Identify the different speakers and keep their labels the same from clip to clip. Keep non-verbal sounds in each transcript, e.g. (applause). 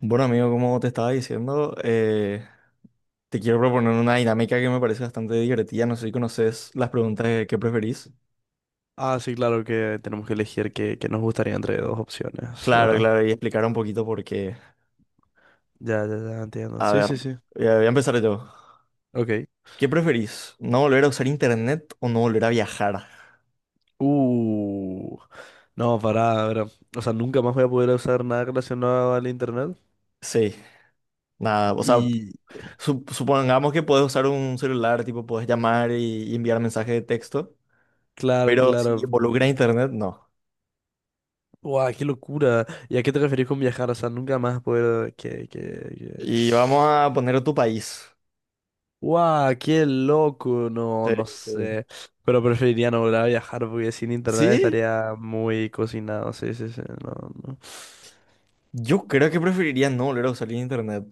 Speaker 1: Bueno, amigo, como te estaba diciendo, te quiero proponer una dinámica que me parece bastante divertida. No sé si conoces las preguntas de qué preferís.
Speaker 2: Ah, sí, claro que tenemos que elegir qué nos gustaría entre dos opciones,
Speaker 1: Claro,
Speaker 2: ¿verdad?
Speaker 1: claro, y explicar un poquito por qué.
Speaker 2: Ya entiendo.
Speaker 1: A
Speaker 2: Sí,
Speaker 1: ver,
Speaker 2: sí, sí.
Speaker 1: voy a empezar yo.
Speaker 2: Ok.
Speaker 1: ¿Qué preferís? ¿No volver a usar internet o no volver a viajar?
Speaker 2: Uh. No, pará, ver. O sea, nunca más voy a poder usar nada relacionado al internet.
Speaker 1: Sí, nada, o sea,
Speaker 2: Y
Speaker 1: supongamos que puedes usar un celular, tipo, puedes llamar y enviar mensajes de texto,
Speaker 2: claro,
Speaker 1: pero si
Speaker 2: claro.
Speaker 1: involucra internet, no.
Speaker 2: Guau, qué locura. ¿Y a qué te referís con viajar? O sea, nunca más poder que...
Speaker 1: Y vamos a poner tu país.
Speaker 2: Guau, qué loco. No,
Speaker 1: Sí,
Speaker 2: no
Speaker 1: sí.
Speaker 2: sé. Pero preferiría no volver a viajar porque sin internet
Speaker 1: ¿Sí?
Speaker 2: estaría muy cocinado. Sí, sí, sí. No, no.
Speaker 1: Yo creo que preferiría no volver a usar el internet.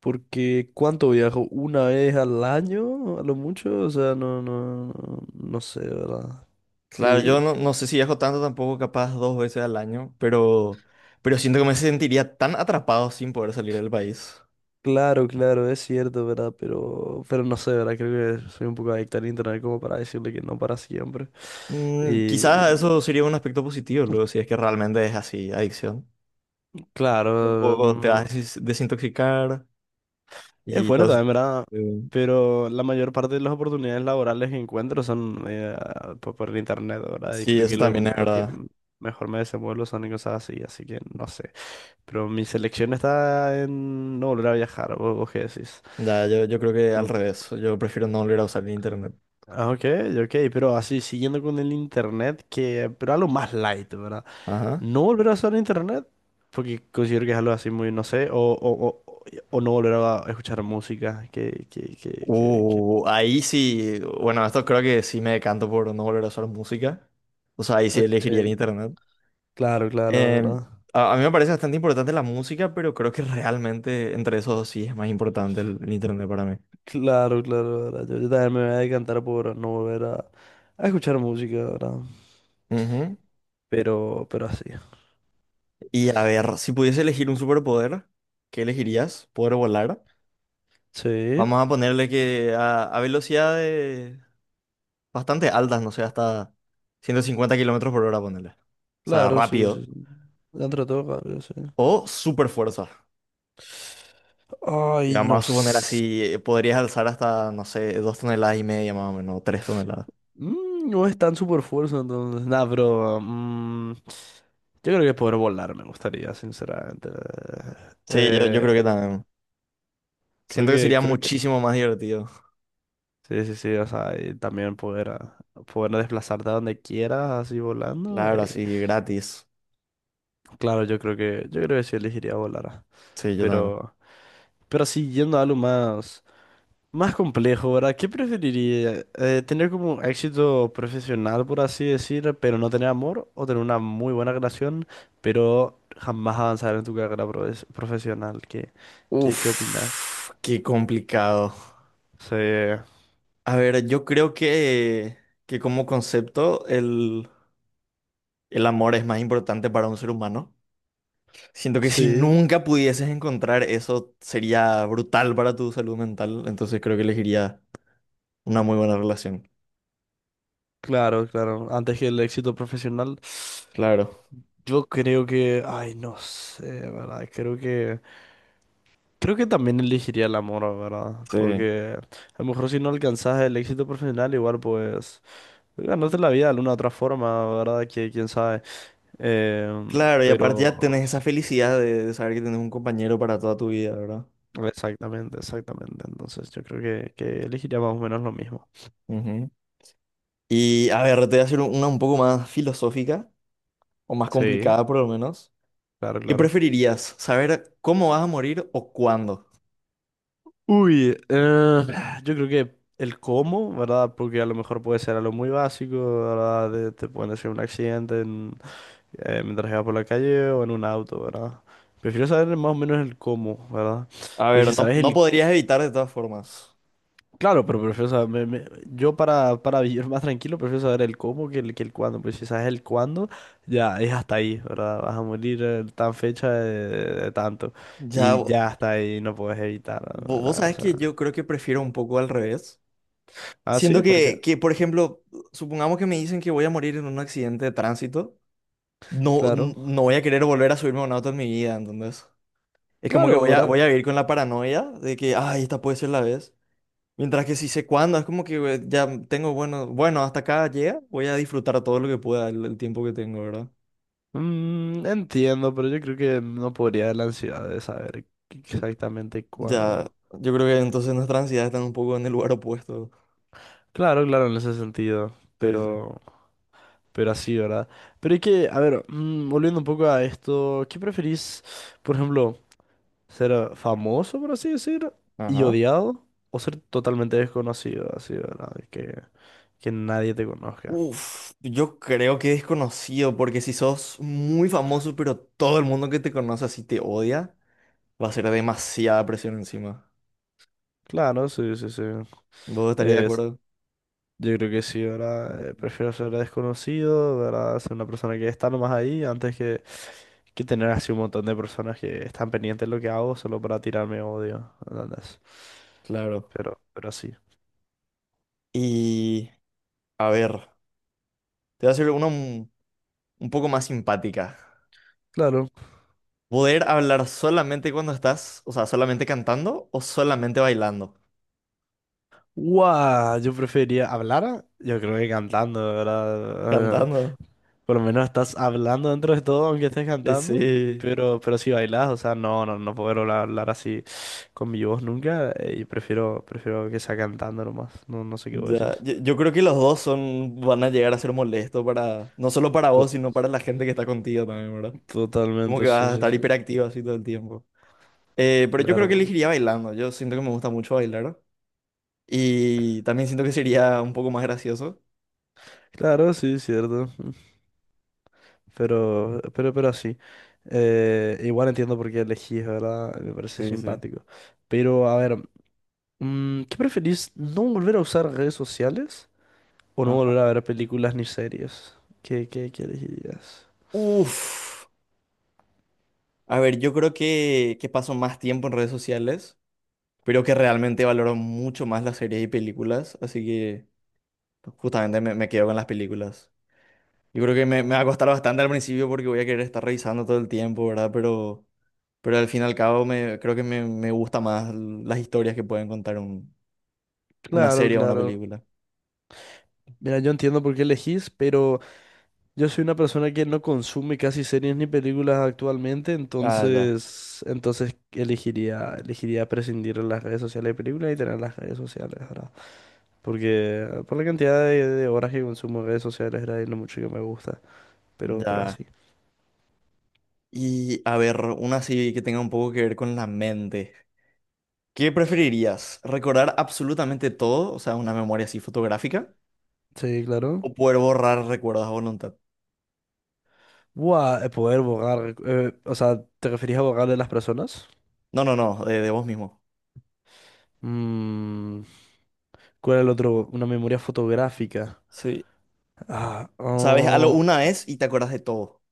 Speaker 2: Porque ¿cuánto viajo? ¿Una vez al año? A lo mucho, o sea, no, no, no, no sé, ¿verdad?
Speaker 1: Claro, yo
Speaker 2: Y
Speaker 1: no, no sé si viajo tanto tampoco, capaz dos veces al año, pero siento que me sentiría tan atrapado sin poder salir del país.
Speaker 2: claro, claro, es cierto, ¿verdad? Pero no sé, ¿verdad? Creo que soy un poco adicto al internet como para decirle que no para siempre.
Speaker 1: Mm,
Speaker 2: Y
Speaker 1: quizás eso sería un aspecto positivo, luego, si es que realmente es así, adicción. Un
Speaker 2: claro,
Speaker 1: poco te vas a desintoxicar
Speaker 2: es
Speaker 1: y
Speaker 2: bueno
Speaker 1: todo eso.
Speaker 2: también, ¿verdad?
Speaker 1: eh,
Speaker 2: Pero la mayor parte de las oportunidades laborales que encuentro son por el internet, ¿verdad? Y
Speaker 1: Sí,
Speaker 2: creo
Speaker 1: eso
Speaker 2: que lo,
Speaker 1: también es
Speaker 2: lo que
Speaker 1: verdad.
Speaker 2: mejor me desenvuelvo son en cosas así, así que no sé. Pero mi selección está en no volver a viajar, ¿ vos qué decís?
Speaker 1: Ya, yo creo que al
Speaker 2: Mm,
Speaker 1: revés, yo prefiero no volver a usar el internet.
Speaker 2: Ok, ok, pero así, siguiendo con el internet, que, pero algo más light, ¿verdad?
Speaker 1: Ajá.
Speaker 2: No volver a usar internet, porque considero que es algo así muy, no sé, o no volver a escuchar música,
Speaker 1: Ahí sí, bueno, esto creo que sí me decanto por no volver a usar música. O sea, ahí sí elegiría el
Speaker 2: Ok,
Speaker 1: internet.
Speaker 2: claro, claro,
Speaker 1: Eh,
Speaker 2: ¿verdad?
Speaker 1: a mí me parece bastante importante la música, pero creo que realmente entre esos dos sí es más importante el internet para mí.
Speaker 2: Claro, claro, ¿verdad? Yo también me voy a decantar por no volver a escuchar música, ¿verdad?
Speaker 1: Ujú.
Speaker 2: Pero así.
Speaker 1: Y a ver, si pudiese elegir un superpoder, ¿qué elegirías? ¿Poder volar?
Speaker 2: Sí.
Speaker 1: Vamos a ponerle que a velocidades bastante altas, no sé, hasta 150 km/h, ponerle. O sea,
Speaker 2: Claro, sí, sí,
Speaker 1: rápido.
Speaker 2: sí. Dentro de todo, cambia, sí.
Speaker 1: O super fuerza. Y
Speaker 2: Ay,
Speaker 1: vamos
Speaker 2: no.
Speaker 1: a suponer así, podrías alzar hasta, no sé, 2,5 toneladas más o menos, 3 toneladas.
Speaker 2: No es tan super fuerza, entonces. Nada, pero. Yo creo que poder volar me gustaría, sinceramente.
Speaker 1: Sí, yo
Speaker 2: Eh,
Speaker 1: creo que también.
Speaker 2: creo
Speaker 1: Siento que
Speaker 2: que,
Speaker 1: sería
Speaker 2: creo que.
Speaker 1: muchísimo más divertido.
Speaker 2: Sí, sí, sí. O sea, y también poder, poder desplazarte a donde quieras, así volando.
Speaker 1: Claro, así, gratis.
Speaker 2: Claro, yo creo que. Yo creo que sí elegiría volar. Ah.
Speaker 1: Sí, yo también.
Speaker 2: Pero. Pero sí, yendo a algo más. Más complejo, ¿verdad? ¿Qué preferiría? ¿Tener como un éxito profesional, por así decir, pero no tener amor? ¿O tener una muy buena relación, pero jamás avanzar en tu carrera profesional? ¿ qué opinas?
Speaker 1: Uf, qué complicado.
Speaker 2: Sí.
Speaker 1: A ver, yo creo que como concepto el amor es más importante para un ser humano. Siento que si
Speaker 2: Sí,
Speaker 1: nunca pudieses encontrar eso sería brutal para tu salud mental, entonces creo que elegiría una muy buena relación.
Speaker 2: claro, claro. Antes que el éxito profesional,
Speaker 1: Claro.
Speaker 2: yo creo que, ay, no sé, ¿verdad? Creo que también elegiría el amor, ¿verdad?
Speaker 1: Sí.
Speaker 2: Porque a lo mejor si no alcanzas el éxito profesional, igual pues... Ganarte la vida de alguna otra forma, ¿verdad? Que quién sabe. Eh,
Speaker 1: Claro, y aparte ya
Speaker 2: pero
Speaker 1: tenés esa felicidad de saber que tenés un compañero para toda tu vida, ¿verdad?
Speaker 2: exactamente, exactamente. Entonces yo creo que elegiría más o menos lo mismo.
Speaker 1: Ujú. Y a ver, te voy a hacer una un poco más filosófica, o más
Speaker 2: Sí,
Speaker 1: complicada por lo menos.
Speaker 2: claro,
Speaker 1: ¿Qué
Speaker 2: claro.
Speaker 1: preferirías? ¿Saber cómo vas a morir o cuándo?
Speaker 2: Uy, eh, yo creo que el cómo, ¿verdad? Porque a lo mejor puede ser algo muy básico, ¿verdad? Te pueden hacer un accidente mientras vas por la calle o en un auto, ¿verdad? Prefiero saber más o menos el cómo, ¿verdad?
Speaker 1: A
Speaker 2: Pues
Speaker 1: ver,
Speaker 2: si
Speaker 1: no,
Speaker 2: sabes
Speaker 1: no
Speaker 2: el
Speaker 1: podrías evitar de todas formas.
Speaker 2: claro, pero prefiero saber, yo para vivir más tranquilo prefiero saber el cómo que el cuándo, pues si sabes el cuándo, ya es hasta ahí, ¿verdad? Vas a morir tan fecha de tanto
Speaker 1: Ya,
Speaker 2: y ya hasta ahí no puedes evitar,
Speaker 1: vos
Speaker 2: ¿verdad? O
Speaker 1: sabés que
Speaker 2: sea,
Speaker 1: yo creo que prefiero un poco al revés. Siento
Speaker 2: sí, porque,
Speaker 1: por ejemplo, supongamos que me dicen que voy a morir en un accidente de tránsito. No,
Speaker 2: claro,
Speaker 1: no voy a querer volver a subirme a un auto en mi vida, ¿entendés? Es como que
Speaker 2: claro, ¿verdad?
Speaker 1: voy a vivir con la paranoia de que, ay, esta puede ser la vez. Mientras que si sé cuándo, es como que ya tengo, bueno, bueno, hasta acá llega, voy a disfrutar todo lo que pueda el tiempo que tengo, ¿verdad?
Speaker 2: Mm, entiendo, pero yo creo que no podría de la ansiedad de saber exactamente
Speaker 1: Ya,
Speaker 2: cuándo.
Speaker 1: yo creo que entonces nuestras ansiedades están un poco en el lugar opuesto.
Speaker 2: Claro, claro, en ese sentido,
Speaker 1: Sí, sí.
Speaker 2: pero... Pero así, ¿verdad? A ver, volviendo un poco a esto, ¿qué preferís, por ejemplo, ser famoso, por así decir, y
Speaker 1: Ajá.
Speaker 2: odiado, o ser totalmente desconocido, así, ¿verdad? ¿ que nadie te conozca?
Speaker 1: Uf, yo creo que desconocido, porque si sos muy famoso, pero todo el mundo que te conoce así te odia, va a ser demasiada presión encima.
Speaker 2: Claro, sí, sí, sí.
Speaker 1: ¿Vos estarías de
Speaker 2: Es,
Speaker 1: acuerdo?
Speaker 2: yo creo que sí, ¿verdad? Prefiero ser desconocido, ¿verdad? Ser una persona que está nomás ahí, que tener así un montón de personas que están pendientes de lo que hago solo para tirarme odio, ¿entendés?
Speaker 1: Claro.
Speaker 2: Pero sí.
Speaker 1: Y, a ver, te voy a hacer uno, un poco más simpática.
Speaker 2: Claro.
Speaker 1: Poder hablar solamente cuando estás, o sea, solamente cantando o solamente bailando.
Speaker 2: Guau, yo preferiría hablar, yo creo que cantando, ¿verdad?
Speaker 1: Cantando.
Speaker 2: Por lo menos estás hablando dentro de todo, aunque estés cantando,
Speaker 1: Sí.
Speaker 2: pero si bailas, o sea, no, no, no puedo hablar, hablar así con mi voz nunca, y prefiero, prefiero que sea cantando nomás, no, no sé qué vos
Speaker 1: Ya.
Speaker 2: decís.
Speaker 1: Yo creo que los dos son, van a llegar a ser molestos para, no solo para
Speaker 2: To-
Speaker 1: vos, sino para la gente que está contigo también, ¿verdad? Como
Speaker 2: Totalmente,
Speaker 1: que
Speaker 2: sí,
Speaker 1: vas a
Speaker 2: sí,
Speaker 1: estar
Speaker 2: sí,
Speaker 1: hiperactivo así todo el tiempo. Pero yo creo que
Speaker 2: claro,
Speaker 1: elegiría bailando. Yo siento que me gusta mucho bailar. Y también siento que sería un poco más gracioso.
Speaker 2: claro, sí, cierto, pero así. Igual entiendo por qué elegís, ¿verdad? Me parece
Speaker 1: Sí, sí.
Speaker 2: simpático. Pero, a ver, ¿qué preferís? ¿No volver a usar redes sociales o no
Speaker 1: Ajá.
Speaker 2: volver a ver películas ni series? ¿ qué elegirías?
Speaker 1: Uf. A ver, yo creo que paso más tiempo en redes sociales, pero que realmente valoro mucho más las series y películas, así que justamente me quedo con las películas. Yo creo que me va a costar bastante al principio porque voy a querer estar revisando todo el tiempo, ¿verdad? Pero al fin y al cabo me gusta más las historias que pueden contar una
Speaker 2: Claro,
Speaker 1: serie o una
Speaker 2: claro.
Speaker 1: película.
Speaker 2: Mira, yo entiendo por qué elegís, pero yo soy una persona que no consume casi series ni películas actualmente,
Speaker 1: Ah, ya,
Speaker 2: entonces elegiría, elegiría prescindir de las redes sociales de películas y tener las redes sociales, ¿verdad? Porque por la cantidad de horas que consumo en redes sociales, ¿verdad? Y lo mucho que me gusta, pero
Speaker 1: ya.
Speaker 2: así.
Speaker 1: Y a ver, una así que tenga un poco que ver con la mente. ¿Qué preferirías? ¿Recordar absolutamente todo? O sea, una memoria así fotográfica.
Speaker 2: Sí,
Speaker 1: ¿O
Speaker 2: claro.
Speaker 1: poder borrar recuerdos a voluntad?
Speaker 2: Poder borrar. O sea, ¿te referís a borrar de las personas?
Speaker 1: No, no, no, de vos mismo.
Speaker 2: Mm, ¿cuál es el otro? Una memoria fotográfica.
Speaker 1: Sí.
Speaker 2: Ah,
Speaker 1: Sabes algo
Speaker 2: oh,
Speaker 1: una vez y te acuerdas de todo.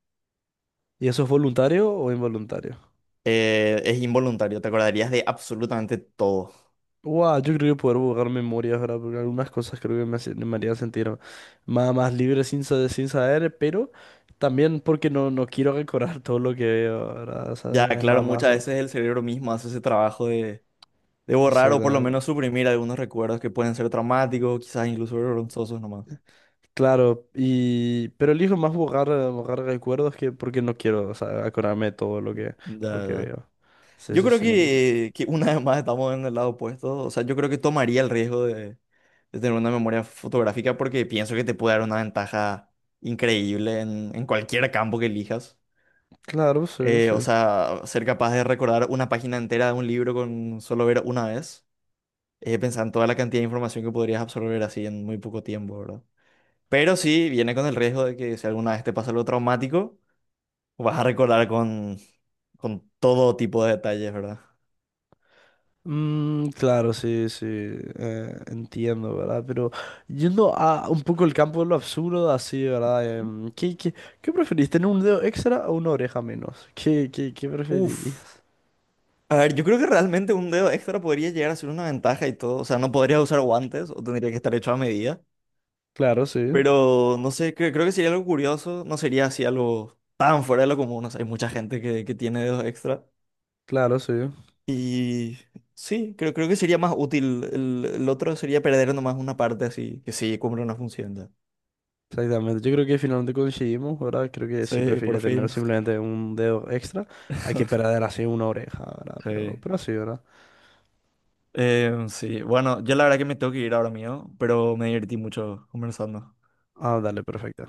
Speaker 2: ¿Y eso es voluntario o involuntario?
Speaker 1: Es involuntario, te acordarías de absolutamente todo.
Speaker 2: Buah, yo creo que poder borrar memorias, ¿verdad? Porque algunas cosas creo que me harían sentir más, más libre sin, sin saber, pero también porque no, no quiero recordar todo lo que veo, ¿verdad? O sea,
Speaker 1: Ya,
Speaker 2: es
Speaker 1: claro,
Speaker 2: más,
Speaker 1: muchas veces el cerebro mismo hace ese trabajo de borrar o por lo
Speaker 2: Exactamente.
Speaker 1: menos suprimir algunos recuerdos que pueden ser traumáticos, quizás incluso vergonzosos nomás.
Speaker 2: Claro, y pero elijo más borrar, borrar recuerdos que porque no quiero, o sea, acordarme de todo
Speaker 1: Ya,
Speaker 2: lo que
Speaker 1: ya.
Speaker 2: veo. Sí,
Speaker 1: Yo
Speaker 2: sí,
Speaker 1: creo
Speaker 2: sí.
Speaker 1: que una vez más estamos en el lado opuesto. O sea, yo creo que tomaría el riesgo de tener una memoria fotográfica porque pienso que te puede dar una ventaja increíble en cualquier campo que elijas.
Speaker 2: Claro, sí,
Speaker 1: O
Speaker 2: sí.
Speaker 1: sea, ser capaz de recordar una página entera de un libro con solo ver una vez. Pensar en toda la cantidad de información que podrías absorber así en muy poco tiempo, ¿verdad? Pero sí, viene con el riesgo de que si alguna vez te pasa algo traumático, vas a recordar con todo tipo de detalles, ¿verdad?
Speaker 2: Mm, claro, sí, sí. Entiendo, ¿verdad? Pero yendo a un poco el campo de lo absurdo, así, ¿verdad? ¿ Qué preferís? ¿Tener un dedo extra o una oreja menos? ¿ qué
Speaker 1: Uf.
Speaker 2: preferirías?
Speaker 1: A ver, yo creo que realmente un dedo extra podría llegar a ser una ventaja y todo. O sea, no podría usar guantes o tendría que estar hecho a medida.
Speaker 2: Claro, sí.
Speaker 1: Pero no sé, creo que sería algo curioso, no sería así algo tan fuera de lo común. O sea, hay mucha gente que tiene dedos extra.
Speaker 2: Claro, sí.
Speaker 1: Y sí, creo que sería más útil. El otro sería perder nomás una parte así, que sí, cumple una función ya.
Speaker 2: Exactamente, yo creo que finalmente coincidimos, ¿verdad? Creo que sí
Speaker 1: Sí, por
Speaker 2: preferiría tener
Speaker 1: fin. (laughs)
Speaker 2: simplemente un dedo extra a que perder así una oreja, ¿verdad?
Speaker 1: Sí.
Speaker 2: Pero así, ¿verdad?
Speaker 1: Sí, bueno, yo la verdad que me tengo que ir ahora mío, pero me divertí mucho conversando.
Speaker 2: Ah, dale, perfecto.